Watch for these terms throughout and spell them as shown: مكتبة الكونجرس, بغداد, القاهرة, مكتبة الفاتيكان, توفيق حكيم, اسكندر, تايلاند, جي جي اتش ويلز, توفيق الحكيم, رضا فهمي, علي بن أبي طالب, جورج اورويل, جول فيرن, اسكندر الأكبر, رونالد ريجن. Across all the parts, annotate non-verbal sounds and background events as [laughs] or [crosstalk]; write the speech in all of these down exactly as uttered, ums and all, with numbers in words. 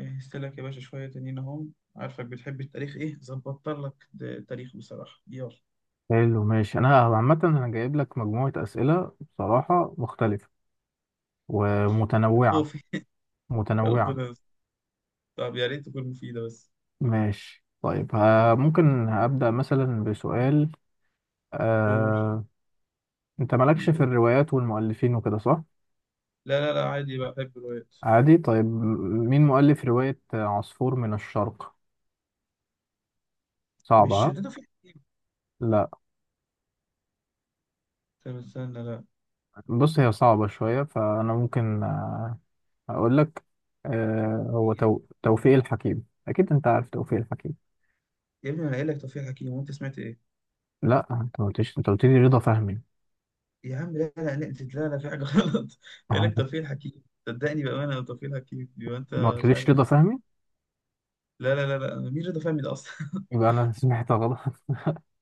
جهزت لك يا باشا شوية تانيين أهم عارفك بتحب التاريخ، إيه ظبطت لك د- تاريخ بصراحة. يلا حلو ماشي، انا عامه انا جايب لك مجموعه اسئله بصراحه مختلفه يا ومتنوعه خوفي. [laughs] متنوعه. ربنا يستر. طب يا ريت تكون مفيدة بس. ماشي طيب، ها ممكن ابدا مثلا بسؤال. قول. آه، انت مالكش في بيقول الروايات والمؤلفين وكده صح؟ لا لا لا عادي بقى، بحب الروايات. عادي طيب، م- مين مؤلف روايه عصفور من الشرق؟ صعبه مش ها. شدته في حكيم؟ لا. طب استنى، لا. بص، هي صعبه شويه فانا ممكن، آه، اقول لك. آه، هو مين؟ تو- توفيق الحكيم، اكيد انت عارف توفيق الحكيم. يا ابني أنا قايل لك توفيق حكيم وأنت سمعت إيه؟ لا، انت ما قلتش، انت قلت لي رضا فهمي. يا عم لا لا لا لا لا، في حاجة [laughs] غلط. قايل لك آه، توفيق حكيم، صدقني بأمانة توفيق حكيم، يبقى أنت ما مش قلتليش عارف. رضا فهمي. لا لا لا لا، مين رضا فهمي ده أصلا؟ [laughs] يبقى أنا سمعت غلط. [laughs]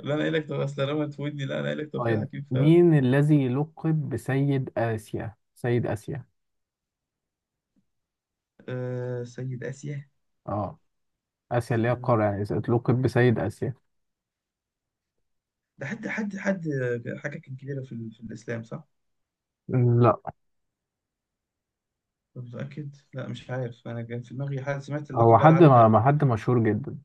لا أنا قايل لك، طب أصل لما تفوتني، لا أنا قايل لك توفيق طيب، حكيم فعلا. مين الذي لقب بسيد آسيا؟ سيد آسيا. آه، سيد آسيا. اه. آسيا اللي هي استنى، القارة يعني. لقب بسيد آسيا. ده حد حد حد آه، حاجة كان كبيرة في, ال- في الإسلام صح؟ لا. أنا متأكد؟ لا مش عارف، أنا كان في دماغي حد سمعت اللقب هو ده على حد علي بن ما أبي. ما حد مشهور جدا.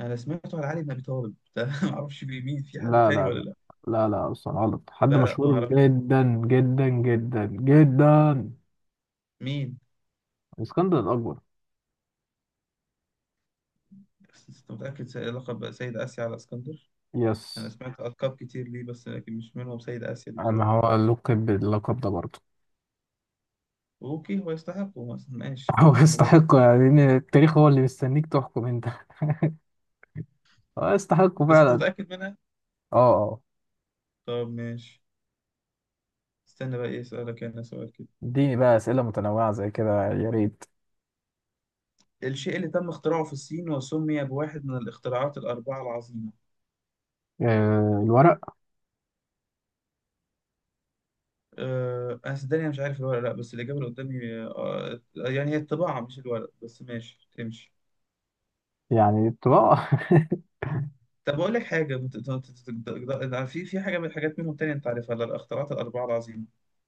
أنا سمعته على علي بن أبي طالب ده، [laughs] ما أعرفش مين، في حد لا تاني لا ولا لا لا. لا، لا أصلا غلط، حد لا لا، ما مشهور أعرف. جدا جدا جدا جدا. مين؟ اسكندر الأكبر. بس أنت متأكد سي- لقب سيد آسيا على اسكندر؟ أنا يس، سمعت ألقاب كتير ليه بس لكن مش منهم سيد آسيا دي ما بصراحة. هو لقب باللقب ده برضه. أوكي، هو يستحقه مثلا، ماشي [laughs] هو معلومة برضه. يستحقه، يعني إن التاريخ هو اللي مستنيك تحكم انت. هو يستحقه بس أنت فعلا. متأكد منها؟ اه آه. طب ماشي. استنى بقى، إيه أسألك أنا سؤال كده. اديني بقى أسئلة متنوعة زي كده، يا ريت. الشيء اللي تم اختراعه في الصين وسمي بواحد من الاختراعات الأربعة العظيمة. آه، الورق. أه أنا صدقني أنا مش عارف الورق لأ، بس الإجابة اللي قدامي أه يعني هي الطباعة مش الورق، بس ماشي تمشي. يعني الطباعة. [laughs] طب أقول لك حاجة بت- ت- ت- ت- في في حاجة من الحاجات منهم تانية أنت عارفها، الاختراعات الأربعة العظيمة؟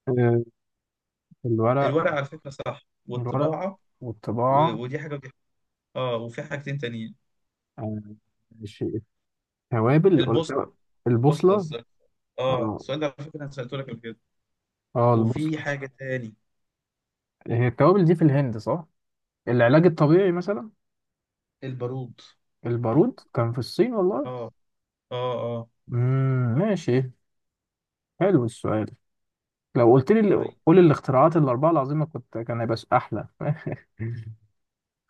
آه، الورق. الورق على فكرة صح، الورق والطباعة. و- والطباعة. ودي حاجة ودي حاجة. آه وفي حاجتين تانيين. آه، ماشي. التوابل ولا البوصلة. التو- البوصلة البوصلة. الس- آه اه السؤال ده على فكرة أنا سألته لك قبل كده. اه، وفي البوصلة. حاجة تاني. هي التوابل دي في الهند صح؟ العلاج الطبيعي مثلا. البارود. البارود كان في الصين والله. آه آه آه. امم ماشي، حلو السؤال. لو قلت لي طيب قول الاختراعات الأربعة العظيمة كنت كان هيبقى س- أحلى. [laughs]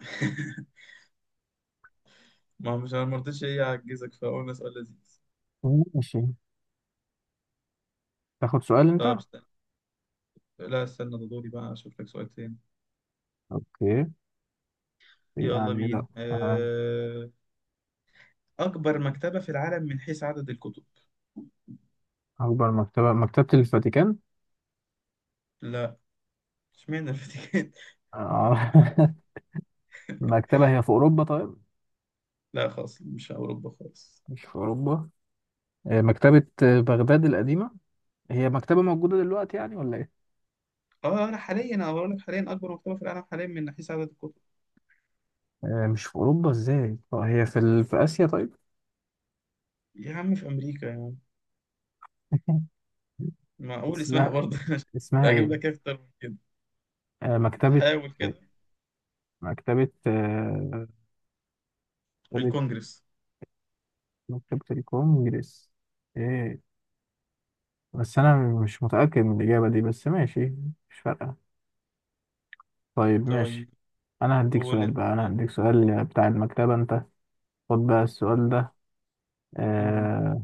[laughs] ما مش انا ما رضيتش، ايه اعجزك فقلنا سؤال لذيذ. ماشي، تاخد سؤال أنت؟ طب استنى، لا استنى، ده دوري بقى اشوف لك سؤال تاني. اوكي، يلا يعني لا. بينا آه، أه... اكبر مكتبة في العالم من حيث عدد الكتب. أكبر مكتبة مكتبة الفاتيكان. لا. اشمعنى الفاتيكان؟ آه، [laughs] [laughs] مكتبة هي في أوروبا طيب. لا خالص، مش اوروبا خالص. مش في أوروبا. آه، مكتبة آه، بغداد القديمة. هي مكتبة موجودة دلوقتي يعني ولا إيه؟ اه لا، حاليا انا بقول لك حاليا اكبر مكتبة في العالم حاليا من حيث عدد الكتب. آه، مش في أوروبا إزاي؟ آه، هي في ال... في آسيا طيب. يا عم في امريكا يعني. [laughs] معقول اسمها اسمها. برضه. [laughs] اسمها اجيب إيه؟ لك إيه اكتر من كده؟ آه، مكتبة حاول كده. مكتبة آه، مكتبة الكونجرس. مكتبة الكونجرس. إيه، بس أنا مش متأكد من الإجابة دي، بس ماشي، مش فارقة. طيب طيب ماشي، انا هديك قول سؤال انت. بقى انا هديك سؤال بتاع المكتبة انت. خد بقى السؤال ده. مم. آه...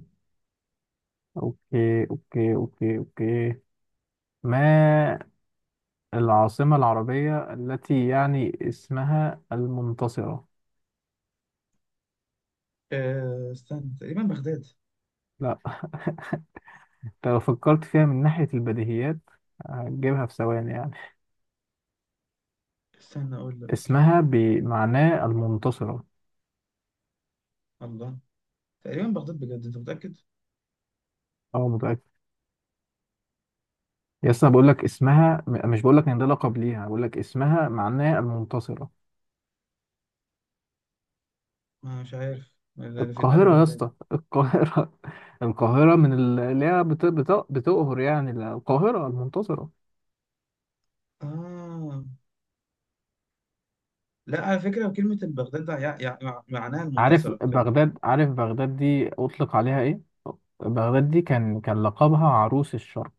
اوكي اوكي اوكي اوكي، ما العاصمة العربية التي يعني اسمها المنتصرة؟ أه... استنى، تقريبا بغداد. لا. [laughs] انت لو فكرت فيها من ناحية البديهيات هتجيبها في ثواني يعني. استنى اقول لك. اسمها بمعناه المنتصرة. الله. تقريبا بغداد، بجد انت متأكد؟ اه، متأكد. يس، انا بقول لك اسمها، م- مش بقول لك ان ده لقب ليها، بقول لك اسمها معناه المنتصرة. آه مش عارف، اللي في دماغي القاهرة يا بغداد. اسطى، القاهرة. [laughs] القاهرة من ال- اللي هي بت- بت- بتقهر يعني، القاهرة المنتصرة. اه لا على فكرة كلمة البغداد ده يع... يع... مع- معناها عارف المنتصرة كمان. بغداد؟ عارف بغداد دي أطلق عليها إيه؟ بغداد دي كان كان لقبها عروس الشرق.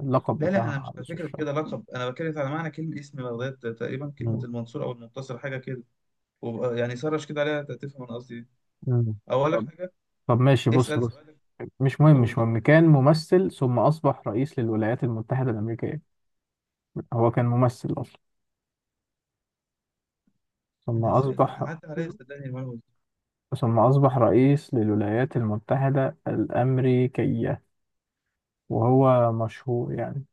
اللقب لا لا، انا بتاعها مش على عروس فكرة الشرق. كده لقب، انا بتكلم على معنى كلمة اسم بغداد تقريبا كلمة مم. المنصور او المنتصر حاجة كده. وبقى يعني سرش كده عليها تفهم انا قصدي ايه. مم. او اقول لك طب حاجة. طب ماشي، بص اسأل بص سؤالك. مش مهم، مش قول. مهم. كان ممثل ثم أصبح رئيس للولايات المتحدة الأمريكية. هو كان ممثل أصلا، ثم انا سأل أصبح، عدى عليا صدقني المعلومة دي. ثم أصبح رئيس للولايات المتحدة الأمريكية، وهو مشهور يعني.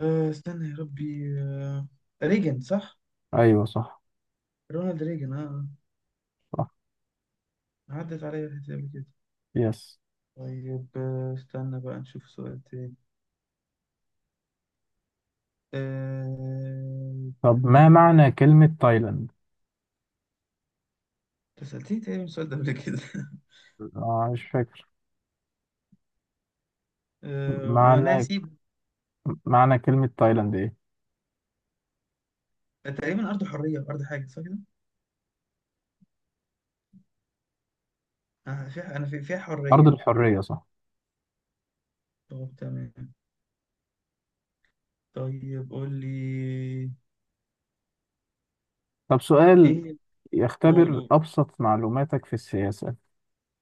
آه استنى، يا ربي آه... ريجن صح؟ ايوه صح. رونالد ريجن اه آه. صح. عدت عليا الحتة دي قبل كده. يس. طيب آه، استنى بقى نشوف سؤال تاني. أه... طب ما معنى كلمة تايلاند؟ أنت سألتني تاني من السؤال ده قبل كده. [laughs] آه، مش فاكر. أه... معنى، وناسيب. معنى كلمة تايلاند ايه؟ تقريبا أرض حرية، أرض حاجة، صح كده؟ أنا فيها أنا في- فيها أرض حرية. الحرية صح. طب تمام. طيب قول لي. طب سؤال إيه؟ قول يختبر قول. أبسط معلوماتك في السياسة.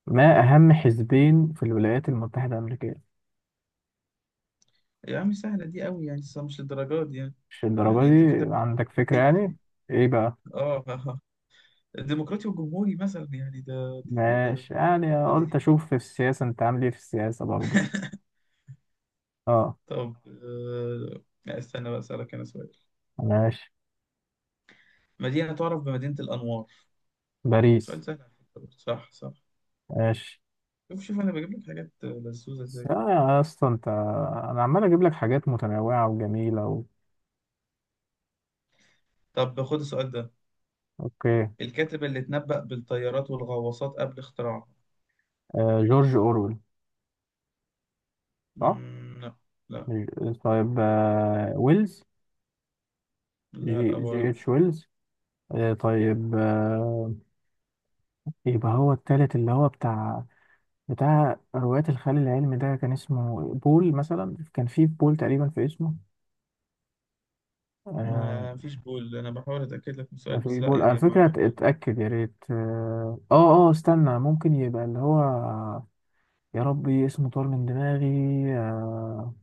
ما أهم حزبين في الولايات المتحدة الأمريكية؟ يا عم سهلة دي أوي يعني، بس مش للدرجات دي يعني. مش الدرجة يعني أنت كده دي، عندك فكرة بتحل. يعني؟ ايه بقى؟ [laughs] آه آه. آه. الديمقراطي والجمهوري مثلا يعني، ده دي ده ده. ماشي، يعني قلت بديهي. أشوف في السياسة أنت عامل ايه في السياسة برضه. اه. طب أه... لا، استنى بقى أسألك أنا سؤال. ماشي. مدينة تعرف بمدينة الأنوار. باريس. سؤال سهل على فكرة برضه. صح صح. ماشي، شوف شوف أنا بجيب لك حاجات لذوذة بس إزاي. لا يا اسطى انت، انا عمال اجيب لك حاجات متنوعه وجميله و... طب خد السؤال ده. اوكي. الكاتب اللي اتنبأ بالطيارات والغواصات قبل اختراعها. آه جورج اورويل. صح. مم، لا. لا ج- طيب، آه ويلز. لا جي جي برضه. اتش ويلز. آه طيب آه، يبقى هو التالت اللي هو بتاع، بتاع رواية الخيال العلمي ده كان اسمه بول مثلا، كان في بول تقريبا في اسمه. آه. ما فيش بول، أنا بحاول أتأكد لك من ما السؤال بس، فيش لا بول يعني على فكرة، المعلومة. ات- اتأكد يا ريت. اه اه، آه، استنى ممكن يبقى اللي هو، يا ربي اسمه طار من دماغي. آه.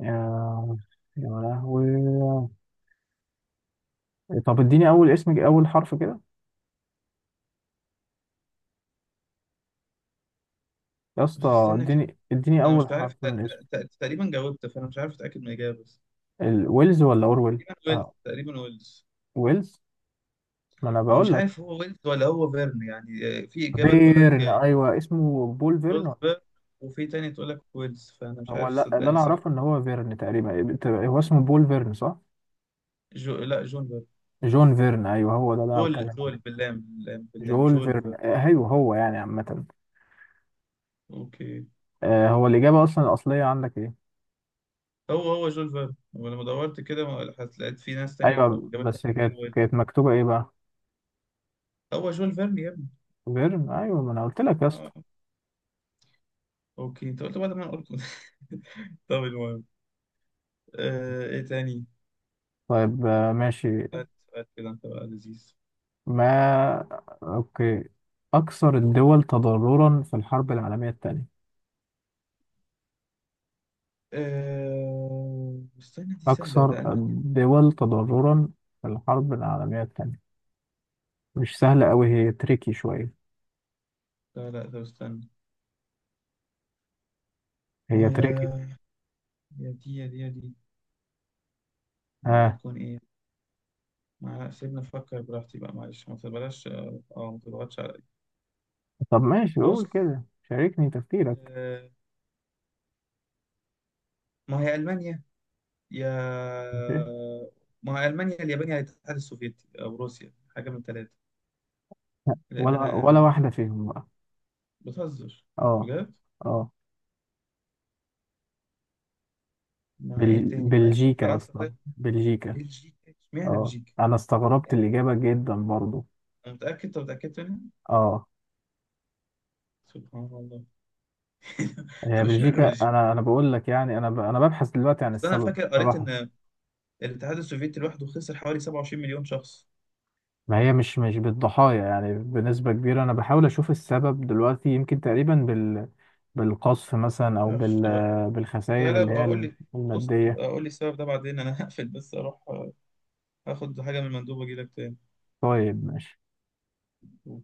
يا، يا لهوي. طب اديني اول اسم، اول حرف كده يا بس اسطى. استنى كده. اديني اديني أنا مش اول عارف، حرف تق- من اسم. تق- تقريبا جاوبت فأنا مش عارف أتأكد من الإجابة بس. ال- ويلز ولا اورويل. تقريبا ويلز، آه. تقريبا ويلز. ويلز، ما انا بقول ومش لك. عارف هو ويلز ولا هو فيرن يعني، آه، في إجابة تقول فيرن، لك ايوه، اسمه بول فيرن ولا جوزبرج، إيه؟ وفي تاني تقول لك ويلز، فانا مش هو عارف لا، اللي صدقني انا صح. اعرفه ان هو فيرن تقريبا. هو اسمه بول فيرن صح. جو لا جونفر. جون فيرن، ايوه هو ده اللي انا جول بتكلم جول عنه. باللام باللام باللام جول فيرن، جولفر. آه، ايوه هو يعني عامه. اوكي. آه، هو الاجابه اصلا الاصليه عندك ايه؟ هو هو جولفر، ولما دورت كده ما لحقت- لقيت في ناس تانية بت- أو ايوه جابت تانية بس كانت بتقول ويلز. كانت مكتوبه ايه بقى؟ هو جول فيرن يا ابني. فيرن، ايوه ما انا قلت لك يا اه اسطى. اوكي، انت قلت بعد ما انا قلت. [laughs] طب المهم. آه ايه تاني. طيب آه، ماشي. سؤال سؤال كده انت بقى لذيذ. ما أوكي، أكثر الدول تضررا في الحرب العالمية الثانية. آه استنى، دي سهلة، ده أكثر ألمانيا. الدول تضررا في الحرب العالمية الثانية، مش سهلة أوي، هي تريكي شوية. لا لا، طب استنى. ما هي هي. تريكي. يا دي يا دي يا دي. يعني آه. هتكون ايه؟ ما سيبني افكر براحتي بقى، معلش ما تبلاش اه آه، ما تضغطش عليا. طب ماشي، بص. قول كده شاركني تفكيرك. آه، ما هي المانيا. يا ماشي. ما هي المانيا، اليابان، يا الاتحاد السوفيتي او روسيا، حاجه من الثلاثه. لان ولا انا ولا آه، واحدة فيهم بقى. بتهزر؟ اه بجد. اه. ما هي ايه بل... تاني، ما هي بلجيكا، فرنسا أصلا طيب. بلجيكا. بلجيكا؟ اشمعنى اه، بلجيكا؟ أنا استغربت الإجابة جدا برضو. أنا متاكد؟ طب متاكد منها؟ اه. سبحان الله. [laughs] هي طب اشمعنى بلجيكا، بلجيكا؟ انا انا بقول لك يعني، انا ب... انا ببحث دلوقتي عن اصل انا السبب فاكر قريت صراحة. ان الاتحاد السوفيتي لوحده خسر حوالي سبعة وعشرين مليون شخص. ما هي مش مش بالضحايا يعني، بنسبة كبيرة، انا بحاول اشوف السبب دلوقتي يمكن تقريبا بال، بالقصف مثلا او ما اعرفش. بال، لا بالخسائر لا اللي بقى، هي اقول لي. بص المادية. اقول لي السبب ده بعدين، انا [laughs] هقفل بس اروح آه، اخد حاجة من المندوب واجي لك تاني. طيب ماشي.